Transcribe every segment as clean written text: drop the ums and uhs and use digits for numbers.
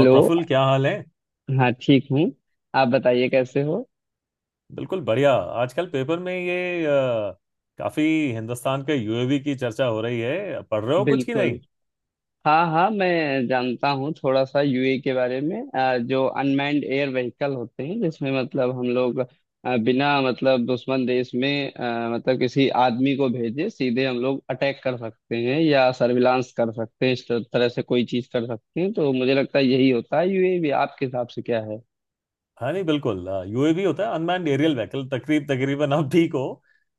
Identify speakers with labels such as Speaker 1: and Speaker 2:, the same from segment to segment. Speaker 1: और प्रफुल्ल, क्या हाल है?
Speaker 2: हाँ, ठीक हूँ। आप बताइए कैसे हो।
Speaker 1: बिल्कुल बढ़िया। आजकल पेपर में ये काफी हिंदुस्तान के यूएवी की चर्चा हो रही है। पढ़ रहे हो कुछ की
Speaker 2: बिल्कुल।
Speaker 1: नहीं?
Speaker 2: हाँ हाँ, मैं जानता हूँ थोड़ा सा यूए के बारे में। जो अनमैन्ड एयर व्हीकल होते हैं जिसमें मतलब हम लोग बिना मतलब दुश्मन देश में मतलब किसी आदमी को भेजे सीधे हम लोग अटैक कर सकते हैं या सर्विलांस कर सकते हैं, इस तरह से कोई चीज कर सकते हैं। तो मुझे लगता है यही होता है यूए भी। आपके हिसाब से क्या है।
Speaker 1: हाँ, नहीं बिल्कुल। यूएवी होता है अनमैन्ड एरियल व्हीकल। तकरीबन आप ठीक हो।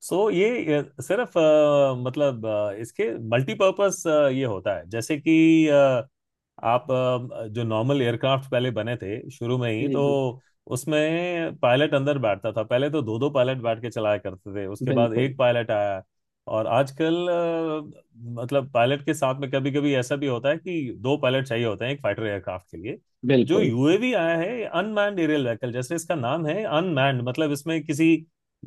Speaker 1: सो ये सिर्फ मतलब इसके मल्टीपर्पस ये होता है, जैसे कि आप जो नॉर्मल एयरक्राफ्ट पहले बने थे शुरू में ही
Speaker 2: जी
Speaker 1: तो।
Speaker 2: जी।
Speaker 1: उसमें पायलट अंदर बैठता था। पहले तो दो दो पायलट बैठ के चलाया करते थे, उसके बाद
Speaker 2: बिल्कुल।
Speaker 1: एक पायलट आया। और आजकल मतलब पायलट के साथ में कभी कभी ऐसा भी होता है कि दो पायलट चाहिए होते हैं, एक फाइटर एयरक्राफ्ट के लिए। जो
Speaker 2: बिल्कुल।
Speaker 1: यूएवी आया है अनमैन्ड एरियल व्हीकल, जैसे इसका नाम है अनमैन्ड, मतलब इसमें किसी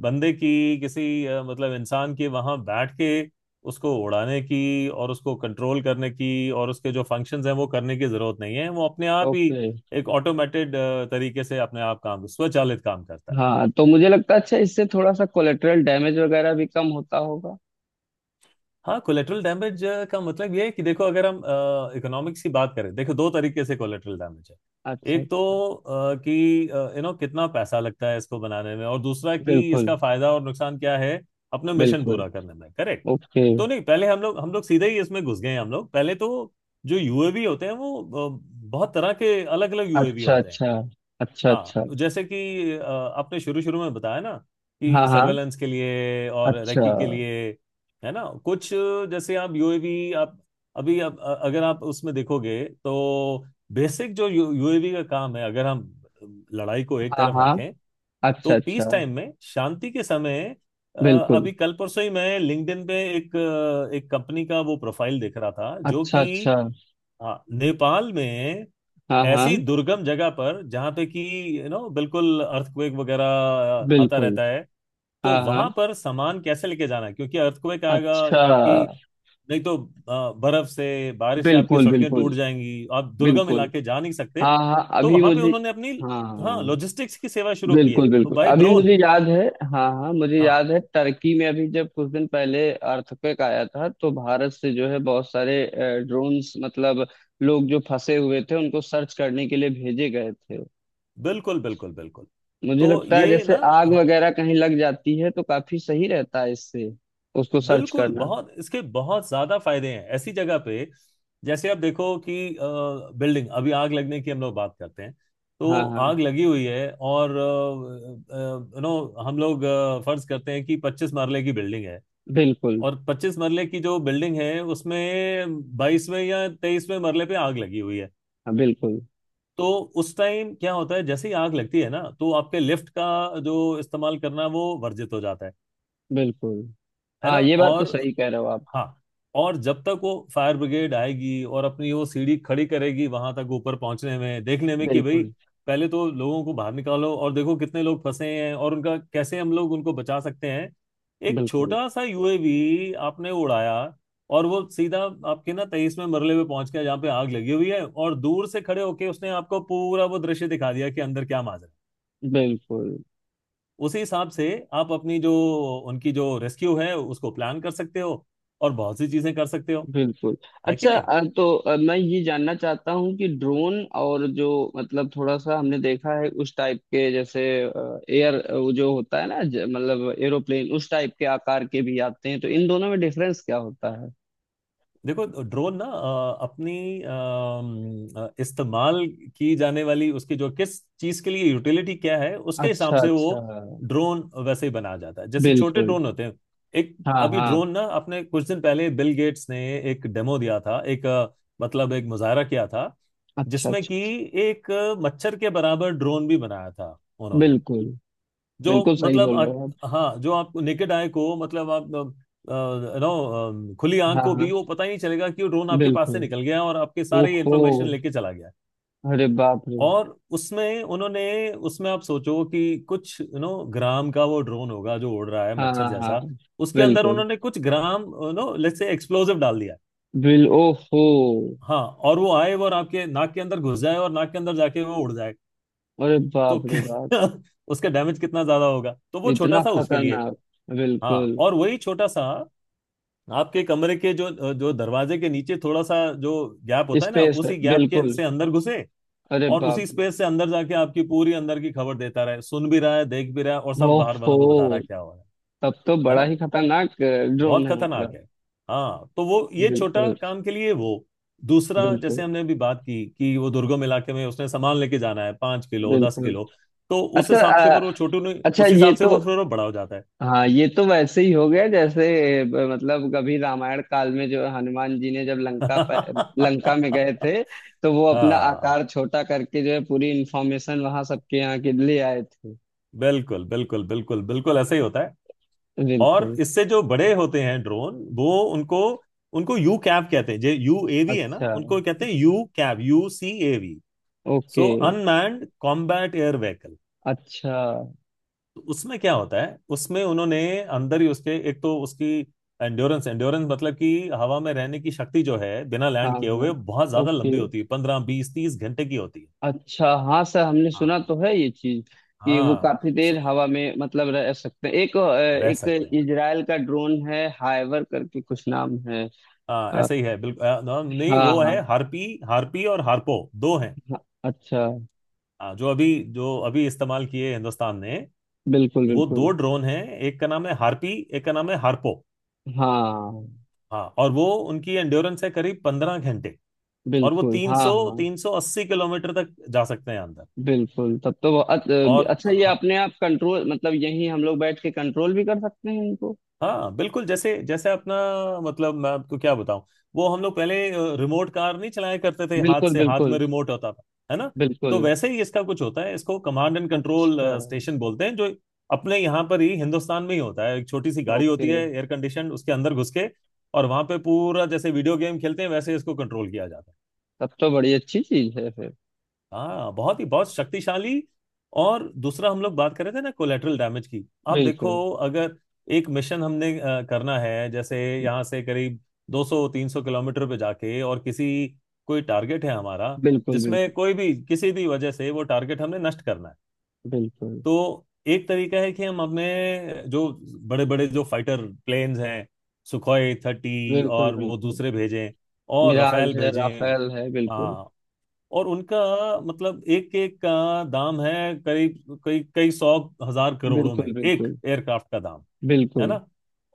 Speaker 1: बंदे की, किसी मतलब इंसान की वहां बैठ के उसको उड़ाने की और उसको कंट्रोल करने की और उसके जो फंक्शंस हैं वो करने की जरूरत नहीं है। वो अपने आप ही
Speaker 2: ओके।
Speaker 1: एक ऑटोमेटेड तरीके से अपने आप काम, स्वचालित काम करता है।
Speaker 2: हाँ, तो मुझे लगता है अच्छा इससे थोड़ा सा कोलेटरल डैमेज वगैरह भी कम होता होगा।
Speaker 1: हाँ, कोलेटरल डैमेज का मतलब ये है कि देखो, अगर हम इकोनॉमिक्स की बात करें, देखो, दो तरीके से कोलेटरल डैमेज है।
Speaker 2: अच्छा
Speaker 1: एक तो
Speaker 2: अच्छा।
Speaker 1: कि कितना पैसा लगता है इसको बनाने में, और दूसरा कि
Speaker 2: बिल्कुल।
Speaker 1: इसका फायदा और नुकसान क्या है, अपने मिशन
Speaker 2: बिल्कुल।
Speaker 1: पूरा करने में। करेक्ट।
Speaker 2: ओके।
Speaker 1: तो नहीं, पहले हम लोग सीधे ही इसमें घुस गए हैं। हम लोग पहले तो जो यूएवी होते हैं वो बहुत तरह के अलग अलग यूएवी
Speaker 2: अच्छा
Speaker 1: होते हैं।
Speaker 2: अच्छा। अच्छा
Speaker 1: हाँ,
Speaker 2: अच्छा।
Speaker 1: जैसे कि आपने शुरू शुरू में बताया ना,
Speaker 2: हाँ
Speaker 1: कि
Speaker 2: हाँ।
Speaker 1: सर्वेलेंस के लिए और
Speaker 2: अच्छा।
Speaker 1: रेकी के लिए, है ना? कुछ जैसे आप यूएवी, आप अभी आप अगर आप उसमें देखोगे तो बेसिक जो यूएवी का काम है, अगर हम लड़ाई को एक
Speaker 2: हाँ
Speaker 1: तरफ
Speaker 2: हाँ।
Speaker 1: रखें,
Speaker 2: अच्छा
Speaker 1: तो
Speaker 2: अच्छा।
Speaker 1: पीस टाइम में, शांति के समय अ,
Speaker 2: बिल्कुल।
Speaker 1: अभी कल परसों ही मैं लिंक्डइन पे एक कंपनी का वो प्रोफाइल देख रहा था, जो
Speaker 2: अच्छा
Speaker 1: कि
Speaker 2: अच्छा।
Speaker 1: नेपाल में
Speaker 2: हाँ हाँ।
Speaker 1: ऐसी दुर्गम जगह पर जहां पे कि बिल्कुल अर्थक्वेक वगैरह आता
Speaker 2: बिल्कुल।
Speaker 1: रहता है। तो
Speaker 2: हाँ हाँ।
Speaker 1: वहां पर सामान कैसे लेके जाना है? क्योंकि अर्थक्वेक आएगा,
Speaker 2: अच्छा।
Speaker 1: आपकी, नहीं तो बर्फ से, बारिश से आपकी
Speaker 2: बिल्कुल
Speaker 1: सड़कें
Speaker 2: बिल्कुल।
Speaker 1: टूट जाएंगी, आप दुर्गम
Speaker 2: बिल्कुल।
Speaker 1: इलाके जा नहीं सकते।
Speaker 2: हाँ हाँ,
Speaker 1: तो
Speaker 2: अभी
Speaker 1: वहां पे
Speaker 2: मुझे।
Speaker 1: उन्होंने अपनी,
Speaker 2: हाँ
Speaker 1: हाँ,
Speaker 2: हाँ।
Speaker 1: लॉजिस्टिक्स की सेवा शुरू की है,
Speaker 2: बिल्कुल
Speaker 1: तो
Speaker 2: बिल्कुल,
Speaker 1: बाय
Speaker 2: अभी मुझे
Speaker 1: ड्रोन।
Speaker 2: याद है। हाँ हाँ, मुझे
Speaker 1: हाँ,
Speaker 2: याद है टर्की में अभी जब कुछ दिन पहले अर्थक्वेक आया था तो भारत से जो है बहुत सारे ड्रोन्स मतलब लोग जो फंसे हुए थे उनको सर्च करने के लिए भेजे गए थे।
Speaker 1: बिल्कुल बिल्कुल बिल्कुल,
Speaker 2: मुझे
Speaker 1: तो
Speaker 2: लगता है
Speaker 1: ये
Speaker 2: जैसे
Speaker 1: ना,
Speaker 2: आग
Speaker 1: हाँ,
Speaker 2: वगैरह कहीं लग जाती है तो काफी सही रहता है इससे उसको सर्च
Speaker 1: बिल्कुल
Speaker 2: करना।
Speaker 1: बहुत, इसके बहुत ज्यादा फायदे हैं ऐसी जगह पे। जैसे आप देखो कि बिल्डिंग, अभी आग लगने की हम लोग बात करते हैं, तो
Speaker 2: हाँ हाँ।
Speaker 1: आग लगी हुई है, और यू नो हम लोग फर्ज करते हैं कि 25 मरले की बिल्डिंग है,
Speaker 2: बिल्कुल।
Speaker 1: और 25 मरले की जो बिल्डिंग है उसमें 22वें या 23वें मरले पे आग लगी हुई है।
Speaker 2: हाँ, बिल्कुल
Speaker 1: तो उस टाइम क्या होता है? जैसे ही आग लगती है ना, तो आपके लिफ्ट का जो इस्तेमाल करना है, वो वर्जित हो जाता है
Speaker 2: बिल्कुल।
Speaker 1: है ना।
Speaker 2: हाँ ये बात तो
Speaker 1: और
Speaker 2: सही कह रहे हो आप।
Speaker 1: हाँ, और जब तक वो फायर ब्रिगेड आएगी और अपनी वो सीढ़ी खड़ी करेगी, वहां तक ऊपर पहुंचने में, देखने में कि भाई,
Speaker 2: बिल्कुल।
Speaker 1: पहले तो लोगों को बाहर निकालो और देखो कितने लोग फंसे हैं और उनका कैसे, हम लोग उनको बचा सकते हैं। एक
Speaker 2: बिल्कुल।
Speaker 1: छोटा सा यूएवी आपने उड़ाया और वो सीधा आपके ना 23वें मरले पे पहुंच गया, जहाँ पे आग लगी हुई है, और दूर से खड़े होके उसने आपको पूरा वो दृश्य दिखा दिया कि अंदर क्या माजरा है।
Speaker 2: बिल्कुल।
Speaker 1: उसी हिसाब से आप अपनी जो, उनकी जो रेस्क्यू है उसको प्लान कर सकते हो और बहुत सी चीजें कर सकते हो,
Speaker 2: बिल्कुल।
Speaker 1: है कि
Speaker 2: अच्छा,
Speaker 1: नहीं।
Speaker 2: मैं ये जानना चाहता हूँ कि ड्रोन और जो, मतलब थोड़ा सा हमने देखा है उस टाइप के। जैसे एयर वो जो होता है ना मतलब एरोप्लेन उस टाइप के आकार के भी आते हैं, तो इन दोनों में डिफरेंस क्या होता है।
Speaker 1: देखो, ड्रोन ना अपनी इस्तेमाल की जाने वाली उसकी जो, किस चीज के लिए यूटिलिटी क्या है, उसके हिसाब
Speaker 2: अच्छा
Speaker 1: से वो
Speaker 2: अच्छा।
Speaker 1: ड्रोन वैसे ही बनाया जाता है, जैसे छोटे
Speaker 2: बिल्कुल।
Speaker 1: ड्रोन होते हैं। एक,
Speaker 2: हाँ
Speaker 1: अभी
Speaker 2: हाँ।
Speaker 1: ड्रोन ना, अपने कुछ दिन पहले बिल गेट्स ने एक डेमो दिया था, मतलब एक मुजाहरा किया था,
Speaker 2: अच्छा अच्छा।
Speaker 1: जिसमें कि एक मच्छर के बराबर ड्रोन भी बनाया था उन्होंने,
Speaker 2: बिल्कुल।
Speaker 1: जो
Speaker 2: बिल्कुल सही
Speaker 1: मतलब
Speaker 2: बोल रहे हो आप।
Speaker 1: हाँ, जो आप नेकेड आई को मतलब आप नो खुली आंख
Speaker 2: हाँ
Speaker 1: को
Speaker 2: हाँ।
Speaker 1: भी वो पता ही नहीं चलेगा कि वो ड्रोन आपके पास
Speaker 2: बिल्कुल।
Speaker 1: से निकल गया और आपके सारे
Speaker 2: ओहो।
Speaker 1: इंफॉर्मेशन लेके चला गया।
Speaker 2: अरे बाप रे।
Speaker 1: और उसमें उन्होंने, उसमें आप सोचो कि कुछ ग्राम का वो ड्रोन होगा जो उड़ रहा है
Speaker 2: हाँ।
Speaker 1: मच्छर
Speaker 2: हाँ।
Speaker 1: जैसा, उसके अंदर
Speaker 2: बिल्कुल।
Speaker 1: उन्होंने कुछ ग्राम लेट्स से एक्सप्लोजिव डाल दिया,
Speaker 2: बिल ओहो।
Speaker 1: हाँ, और वो आए और आपके नाक के अंदर घुस जाए और नाक के अंदर जाके वो उड़ जाए।
Speaker 2: अरे
Speaker 1: तो
Speaker 2: बाप रे बाप।
Speaker 1: उसका डैमेज कितना ज्यादा होगा, तो वो छोटा
Speaker 2: इतना
Speaker 1: सा उसके लिए।
Speaker 2: खतरनाक।
Speaker 1: हाँ,
Speaker 2: बिल्कुल।
Speaker 1: और वही छोटा सा आपके कमरे के जो जो दरवाजे के नीचे थोड़ा सा जो गैप होता है ना,
Speaker 2: स्पेस है
Speaker 1: उसी गैप के
Speaker 2: बिल्कुल।
Speaker 1: से अंदर घुसे,
Speaker 2: अरे
Speaker 1: और
Speaker 2: बाप
Speaker 1: उसी
Speaker 2: रे।
Speaker 1: स्पेस से अंदर जाके आपकी पूरी अंदर की खबर देता रहे, सुन भी रहा है, देख भी रहा है, और सब बाहर वालों को बता
Speaker 2: ओहो।
Speaker 1: रहा है क्या हो रहा है
Speaker 2: तब तो
Speaker 1: है
Speaker 2: बड़ा
Speaker 1: ना,
Speaker 2: ही खतरनाक ड्रोन
Speaker 1: बहुत
Speaker 2: है
Speaker 1: खतरनाक
Speaker 2: मतलब।
Speaker 1: है। हाँ, तो वो ये छोटा
Speaker 2: बिल्कुल।
Speaker 1: काम के लिए वो, दूसरा
Speaker 2: बिल्कुल।
Speaker 1: जैसे हमने अभी बात की कि वो दुर्गम इलाके में उसने सामान लेके जाना है, 5 किलो, 10
Speaker 2: बिल्कुल।
Speaker 1: किलो, तो उस
Speaker 2: अच्छा
Speaker 1: हिसाब से फिर वो छोटू नहीं,
Speaker 2: अच्छा
Speaker 1: उस
Speaker 2: ये
Speaker 1: हिसाब से
Speaker 2: तो,
Speaker 1: वो फिर वो बड़ा हो जाता है।
Speaker 2: हाँ ये तो वैसे ही हो गया जैसे मतलब कभी रामायण काल में जो हनुमान जी ने जब लंका लंका में गए थे तो वो अपना
Speaker 1: हाँ,
Speaker 2: आकार छोटा करके जो है पूरी इंफॉर्मेशन वहां सबके यहाँ के लिए आए थे।
Speaker 1: बिल्कुल बिल्कुल बिल्कुल बिल्कुल ऐसा ही होता है। और
Speaker 2: बिल्कुल।
Speaker 1: इससे जो बड़े होते हैं ड्रोन, वो उनको उनको UCAV कहते हैं। जो UAV है ना,
Speaker 2: अच्छा।
Speaker 1: उनको कहते हैं यू कैव, UCAV। सो
Speaker 2: okay.
Speaker 1: Unmanned combat air vehicle.
Speaker 2: अच्छा।
Speaker 1: उसमें क्या होता है, उसमें उन्होंने अंदर ही उसके, एक तो उसकी एंड्योरेंस एंड्योरेंस मतलब कि हवा में रहने की शक्ति जो है, बिना
Speaker 2: हाँ
Speaker 1: लैंड किए
Speaker 2: हाँ।
Speaker 1: हुए बहुत ज्यादा
Speaker 2: ओके।
Speaker 1: लंबी होती है, 15 20 30 घंटे की होती है।
Speaker 2: अच्छा हाँ सर, हमने सुना
Speaker 1: हाँ
Speaker 2: तो है ये चीज कि वो
Speaker 1: हाँ।
Speaker 2: काफी देर
Speaker 1: so,
Speaker 2: हवा में मतलब रह सकते हैं।
Speaker 1: रह
Speaker 2: एक
Speaker 1: सकते हैं।
Speaker 2: इजराइल का ड्रोन है हाइवर करके कुछ नाम है।
Speaker 1: हाँ,
Speaker 2: अ,
Speaker 1: ऐसे ही है बिल्कुल। नहीं,
Speaker 2: हाँ
Speaker 1: वो
Speaker 2: हाँ।
Speaker 1: है हार्पी हार्पी और हार्पो। दो हैं।
Speaker 2: हाँ, अच्छा।
Speaker 1: हाँ, जो अभी इस्तेमाल किए हिंदुस्तान ने,
Speaker 2: बिल्कुल
Speaker 1: वो
Speaker 2: बिल्कुल।
Speaker 1: दो ड्रोन हैं। एक का नाम है हार्पी, एक का नाम है हार्पो।
Speaker 2: हाँ।
Speaker 1: हाँ, और वो उनकी एंड्योरेंस है करीब 15 घंटे। और वो
Speaker 2: बिल्कुल।
Speaker 1: तीन
Speaker 2: हाँ
Speaker 1: सौ
Speaker 2: हाँ।
Speaker 1: 380 किलोमीटर तक जा सकते हैं अंदर।
Speaker 2: बिल्कुल तब तो वो
Speaker 1: और
Speaker 2: अच्छा ये
Speaker 1: हाँ,
Speaker 2: अपने आप कंट्रोल मतलब यहीं हम लोग बैठ के कंट्रोल भी कर सकते हैं इनको।
Speaker 1: हाँ बिल्कुल। जैसे जैसे अपना, मतलब मैं आपको क्या बताऊं, वो हम लोग पहले रिमोट कार नहीं चलाया करते थे, हाथ
Speaker 2: बिल्कुल
Speaker 1: से, हाथ में
Speaker 2: बिल्कुल।
Speaker 1: रिमोट होता था, है ना।
Speaker 2: बिल्कुल।
Speaker 1: तो वैसे ही इसका कुछ होता है, इसको कमांड एंड कंट्रोल
Speaker 2: अच्छा।
Speaker 1: स्टेशन बोलते हैं, जो अपने यहाँ पर ही, हिंदुस्तान में ही होता है। एक छोटी सी गाड़ी
Speaker 2: ओके।
Speaker 1: होती है एयर कंडीशन, उसके अंदर घुस के, और वहां पे पूरा जैसे वीडियो गेम खेलते हैं वैसे इसको कंट्रोल किया जाता है।
Speaker 2: तब तो बड़ी अच्छी चीज है फिर।
Speaker 1: हाँ, बहुत ही, बहुत शक्तिशाली। और दूसरा हम लोग बात कर रहे थे ना कोलेटरल डैमेज की, आप
Speaker 2: बिल्कुल।
Speaker 1: देखो, अगर एक मिशन हमने करना है, जैसे यहाँ से करीब 200-300 किलोमीटर पे जाके, और किसी, कोई टारगेट है हमारा,
Speaker 2: बिल्कुल।
Speaker 1: जिसमें
Speaker 2: बिल्कुल।
Speaker 1: कोई भी, किसी भी वजह से वो टारगेट हमने नष्ट करना है,
Speaker 2: बिल्कुल।
Speaker 1: तो एक तरीका है कि हम अपने जो बड़े बड़े जो फाइटर प्लेन्स हैं, सुखोई 30
Speaker 2: बिल्कुल।
Speaker 1: और वो
Speaker 2: बिल्कुल।
Speaker 1: दूसरे भेजें, और रफेल
Speaker 2: मिराज है,
Speaker 1: भेजें।
Speaker 2: राफेल है, बिल्कुल।
Speaker 1: हाँ, और उनका मतलब एक एक का दाम है करीब कई कई सौ, हजार करोड़ों में
Speaker 2: बिल्कुल।
Speaker 1: एक
Speaker 2: बिल्कुल।
Speaker 1: एयरक्राफ्ट का दाम, है
Speaker 2: बिल्कुल।
Speaker 1: ना।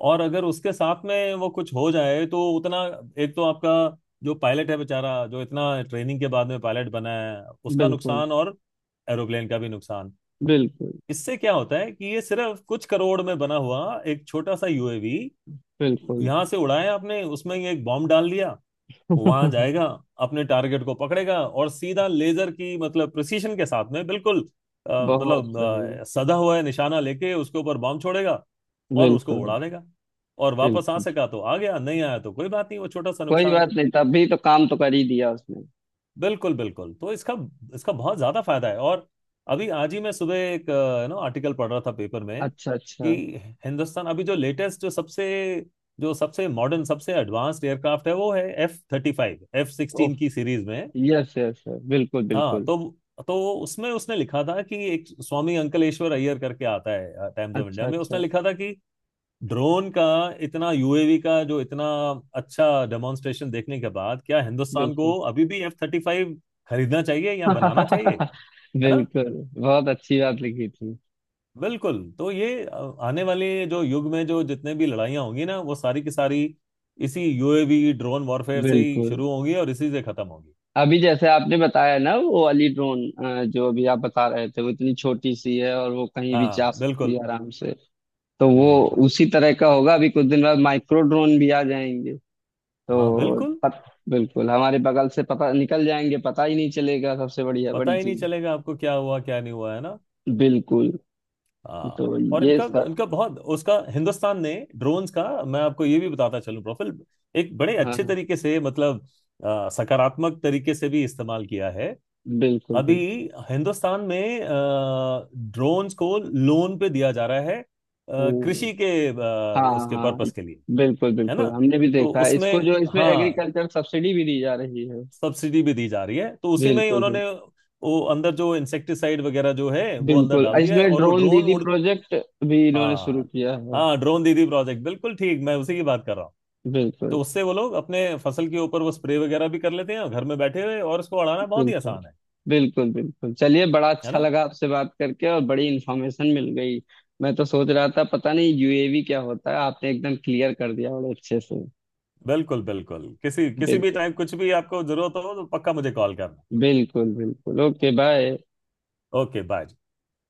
Speaker 1: और अगर उसके साथ में वो कुछ हो जाए तो उतना, एक तो आपका जो पायलट है बेचारा, जो इतना ट्रेनिंग के बाद में पायलट बना है, उसका
Speaker 2: बिल्कुल।
Speaker 1: नुकसान, और एरोप्लेन का भी नुकसान।
Speaker 2: बिल्कुल।
Speaker 1: इससे क्या होता है कि ये सिर्फ कुछ करोड़ में बना हुआ एक छोटा सा यूएवी
Speaker 2: बिल्कुल।
Speaker 1: यहाँ से उड़ाया आपने, उसमें ये एक बॉम्ब डाल दिया, वहां जाएगा, अपने टारगेट को पकड़ेगा और सीधा लेजर की, मतलब प्रिसीशन के साथ में, बिल्कुल
Speaker 2: बहुत
Speaker 1: मतलब
Speaker 2: सही।
Speaker 1: सधा हुआ है, निशाना लेके उसके ऊपर बम छोड़ेगा और उसको
Speaker 2: बिल्कुल।
Speaker 1: उड़ा देगा। और वापस आ
Speaker 2: बिल्कुल।
Speaker 1: सका तो आ गया, नहीं आया तो कोई बात नहीं, वो छोटा सा
Speaker 2: कोई
Speaker 1: नुकसान
Speaker 2: बात
Speaker 1: है।
Speaker 2: नहीं, तभी तो काम तो कर ही दिया उसने।
Speaker 1: बिल्कुल बिल्कुल। तो इसका इसका बहुत ज्यादा फायदा है। और अभी आज ही मैं सुबह एक ना आर्टिकल पढ़ रहा था पेपर में,
Speaker 2: अच्छा अच्छा।
Speaker 1: कि हिंदुस्तान अभी जो लेटेस्ट, जो सबसे मॉडर्न, सबसे एडवांस्ड एयरक्राफ्ट है वो है F35, एफ
Speaker 2: ओह।
Speaker 1: सिक्सटीन की सीरीज में।
Speaker 2: Yes yes. बिल्कुल
Speaker 1: हाँ,
Speaker 2: बिल्कुल।
Speaker 1: तो उसमें उसने लिखा था कि एक स्वामी अंकलेश्वर अय्यर करके आता है टाइम्स ऑफ
Speaker 2: अच्छा
Speaker 1: इंडिया में, उसने
Speaker 2: अच्छा।
Speaker 1: लिखा था कि ड्रोन का इतना, यूएवी का जो इतना अच्छा डेमोन्स्ट्रेशन देखने के बाद क्या हिंदुस्तान को
Speaker 2: बिल्कुल।
Speaker 1: अभी भी F35 खरीदना चाहिए या बनाना चाहिए, है ना।
Speaker 2: बिल्कुल। बहुत अच्छी बात लिखी थी।
Speaker 1: बिल्कुल। तो ये आने वाले जो युग में, जो जितने भी लड़ाइयाँ होंगी ना, वो सारी की सारी इसी यूएवी ड्रोन वॉरफेयर से ही
Speaker 2: बिल्कुल।
Speaker 1: शुरू होंगी और इसी से खत्म होंगी।
Speaker 2: अभी जैसे आपने बताया ना वो वाली ड्रोन जो अभी आप बता रहे थे वो इतनी छोटी सी है और वो कहीं भी
Speaker 1: हाँ
Speaker 2: जा सकती है
Speaker 1: बिल्कुल।
Speaker 2: आराम से। तो वो
Speaker 1: हम्म।
Speaker 2: उसी तरह का होगा, अभी कुछ दिन बाद माइक्रो ड्रोन भी आ जाएंगे।
Speaker 1: हाँ
Speaker 2: तो
Speaker 1: बिल्कुल।
Speaker 2: पत, बिल्कुल हमारे बगल से पता निकल जाएंगे, पता ही नहीं चलेगा, सबसे बढ़िया
Speaker 1: पता
Speaker 2: बड़ी
Speaker 1: ही नहीं
Speaker 2: चीज।
Speaker 1: चलेगा आपको क्या हुआ क्या नहीं हुआ, है ना।
Speaker 2: बिल्कुल।
Speaker 1: हाँ,
Speaker 2: तो
Speaker 1: और
Speaker 2: ये
Speaker 1: इनका
Speaker 2: सर,
Speaker 1: इनका बहुत, उसका हिंदुस्तान ने, ड्रोन्स का, मैं आपको ये भी बताता चलूं प्रोफिल, एक बड़े
Speaker 2: हाँ
Speaker 1: अच्छे
Speaker 2: हाँ।
Speaker 1: तरीके से, मतलब सकारात्मक तरीके से भी इस्तेमाल किया है।
Speaker 2: बिल्कुल
Speaker 1: अभी
Speaker 2: बिल्कुल।
Speaker 1: हिंदुस्तान में ड्रोन्स को लोन पे दिया जा रहा है
Speaker 2: ओ,
Speaker 1: कृषि के
Speaker 2: हाँ
Speaker 1: उसके
Speaker 2: हाँ।
Speaker 1: पर्पस के लिए,
Speaker 2: बिल्कुल
Speaker 1: है
Speaker 2: बिल्कुल,
Speaker 1: ना।
Speaker 2: हमने भी
Speaker 1: तो
Speaker 2: देखा है इसको,
Speaker 1: उसमें,
Speaker 2: जो इसमें
Speaker 1: हाँ,
Speaker 2: एग्रीकल्चर सब्सिडी भी दी जा रही है।
Speaker 1: सब्सिडी भी दी जा रही है, तो उसी में ही
Speaker 2: बिल्कुल बिल्कुल।
Speaker 1: उन्होंने वो अंदर जो इंसेक्टिसाइड वगैरह जो है वो अंदर
Speaker 2: बिल्कुल
Speaker 1: डाल दिया है,
Speaker 2: इसमें
Speaker 1: और वो
Speaker 2: ड्रोन
Speaker 1: ड्रोन
Speaker 2: दीदी
Speaker 1: उड़।
Speaker 2: प्रोजेक्ट भी इन्होंने शुरू
Speaker 1: हाँ
Speaker 2: किया है।
Speaker 1: हाँ, ड्रोन दीदी प्रोजेक्ट, बिल्कुल ठीक, मैं उसी की बात कर रहा हूँ।
Speaker 2: बिल्कुल।
Speaker 1: तो उससे वो लोग अपने फसल के ऊपर वो स्प्रे वगैरह भी कर लेते हैं, और घर में बैठे हुए, और उसको उड़ाना बहुत ही
Speaker 2: बिल्कुल
Speaker 1: आसान है
Speaker 2: बिल्कुल। बिल्कुल चलिए, बड़ा
Speaker 1: है
Speaker 2: अच्छा
Speaker 1: ना।
Speaker 2: लगा आपसे बात करके और बड़ी इंफॉर्मेशन मिल गई। मैं तो सोच रहा था पता नहीं यूएवी क्या होता है, आपने एकदम क्लियर कर दिया बड़े अच्छे से।
Speaker 1: बिल्कुल बिल्कुल, किसी किसी भी
Speaker 2: बिल्कुल।
Speaker 1: टाइम कुछ भी आपको जरूरत हो तो पक्का मुझे कॉल करना।
Speaker 2: बिल्कुल बिल्कुल। Okay bye.
Speaker 1: Okay, bye.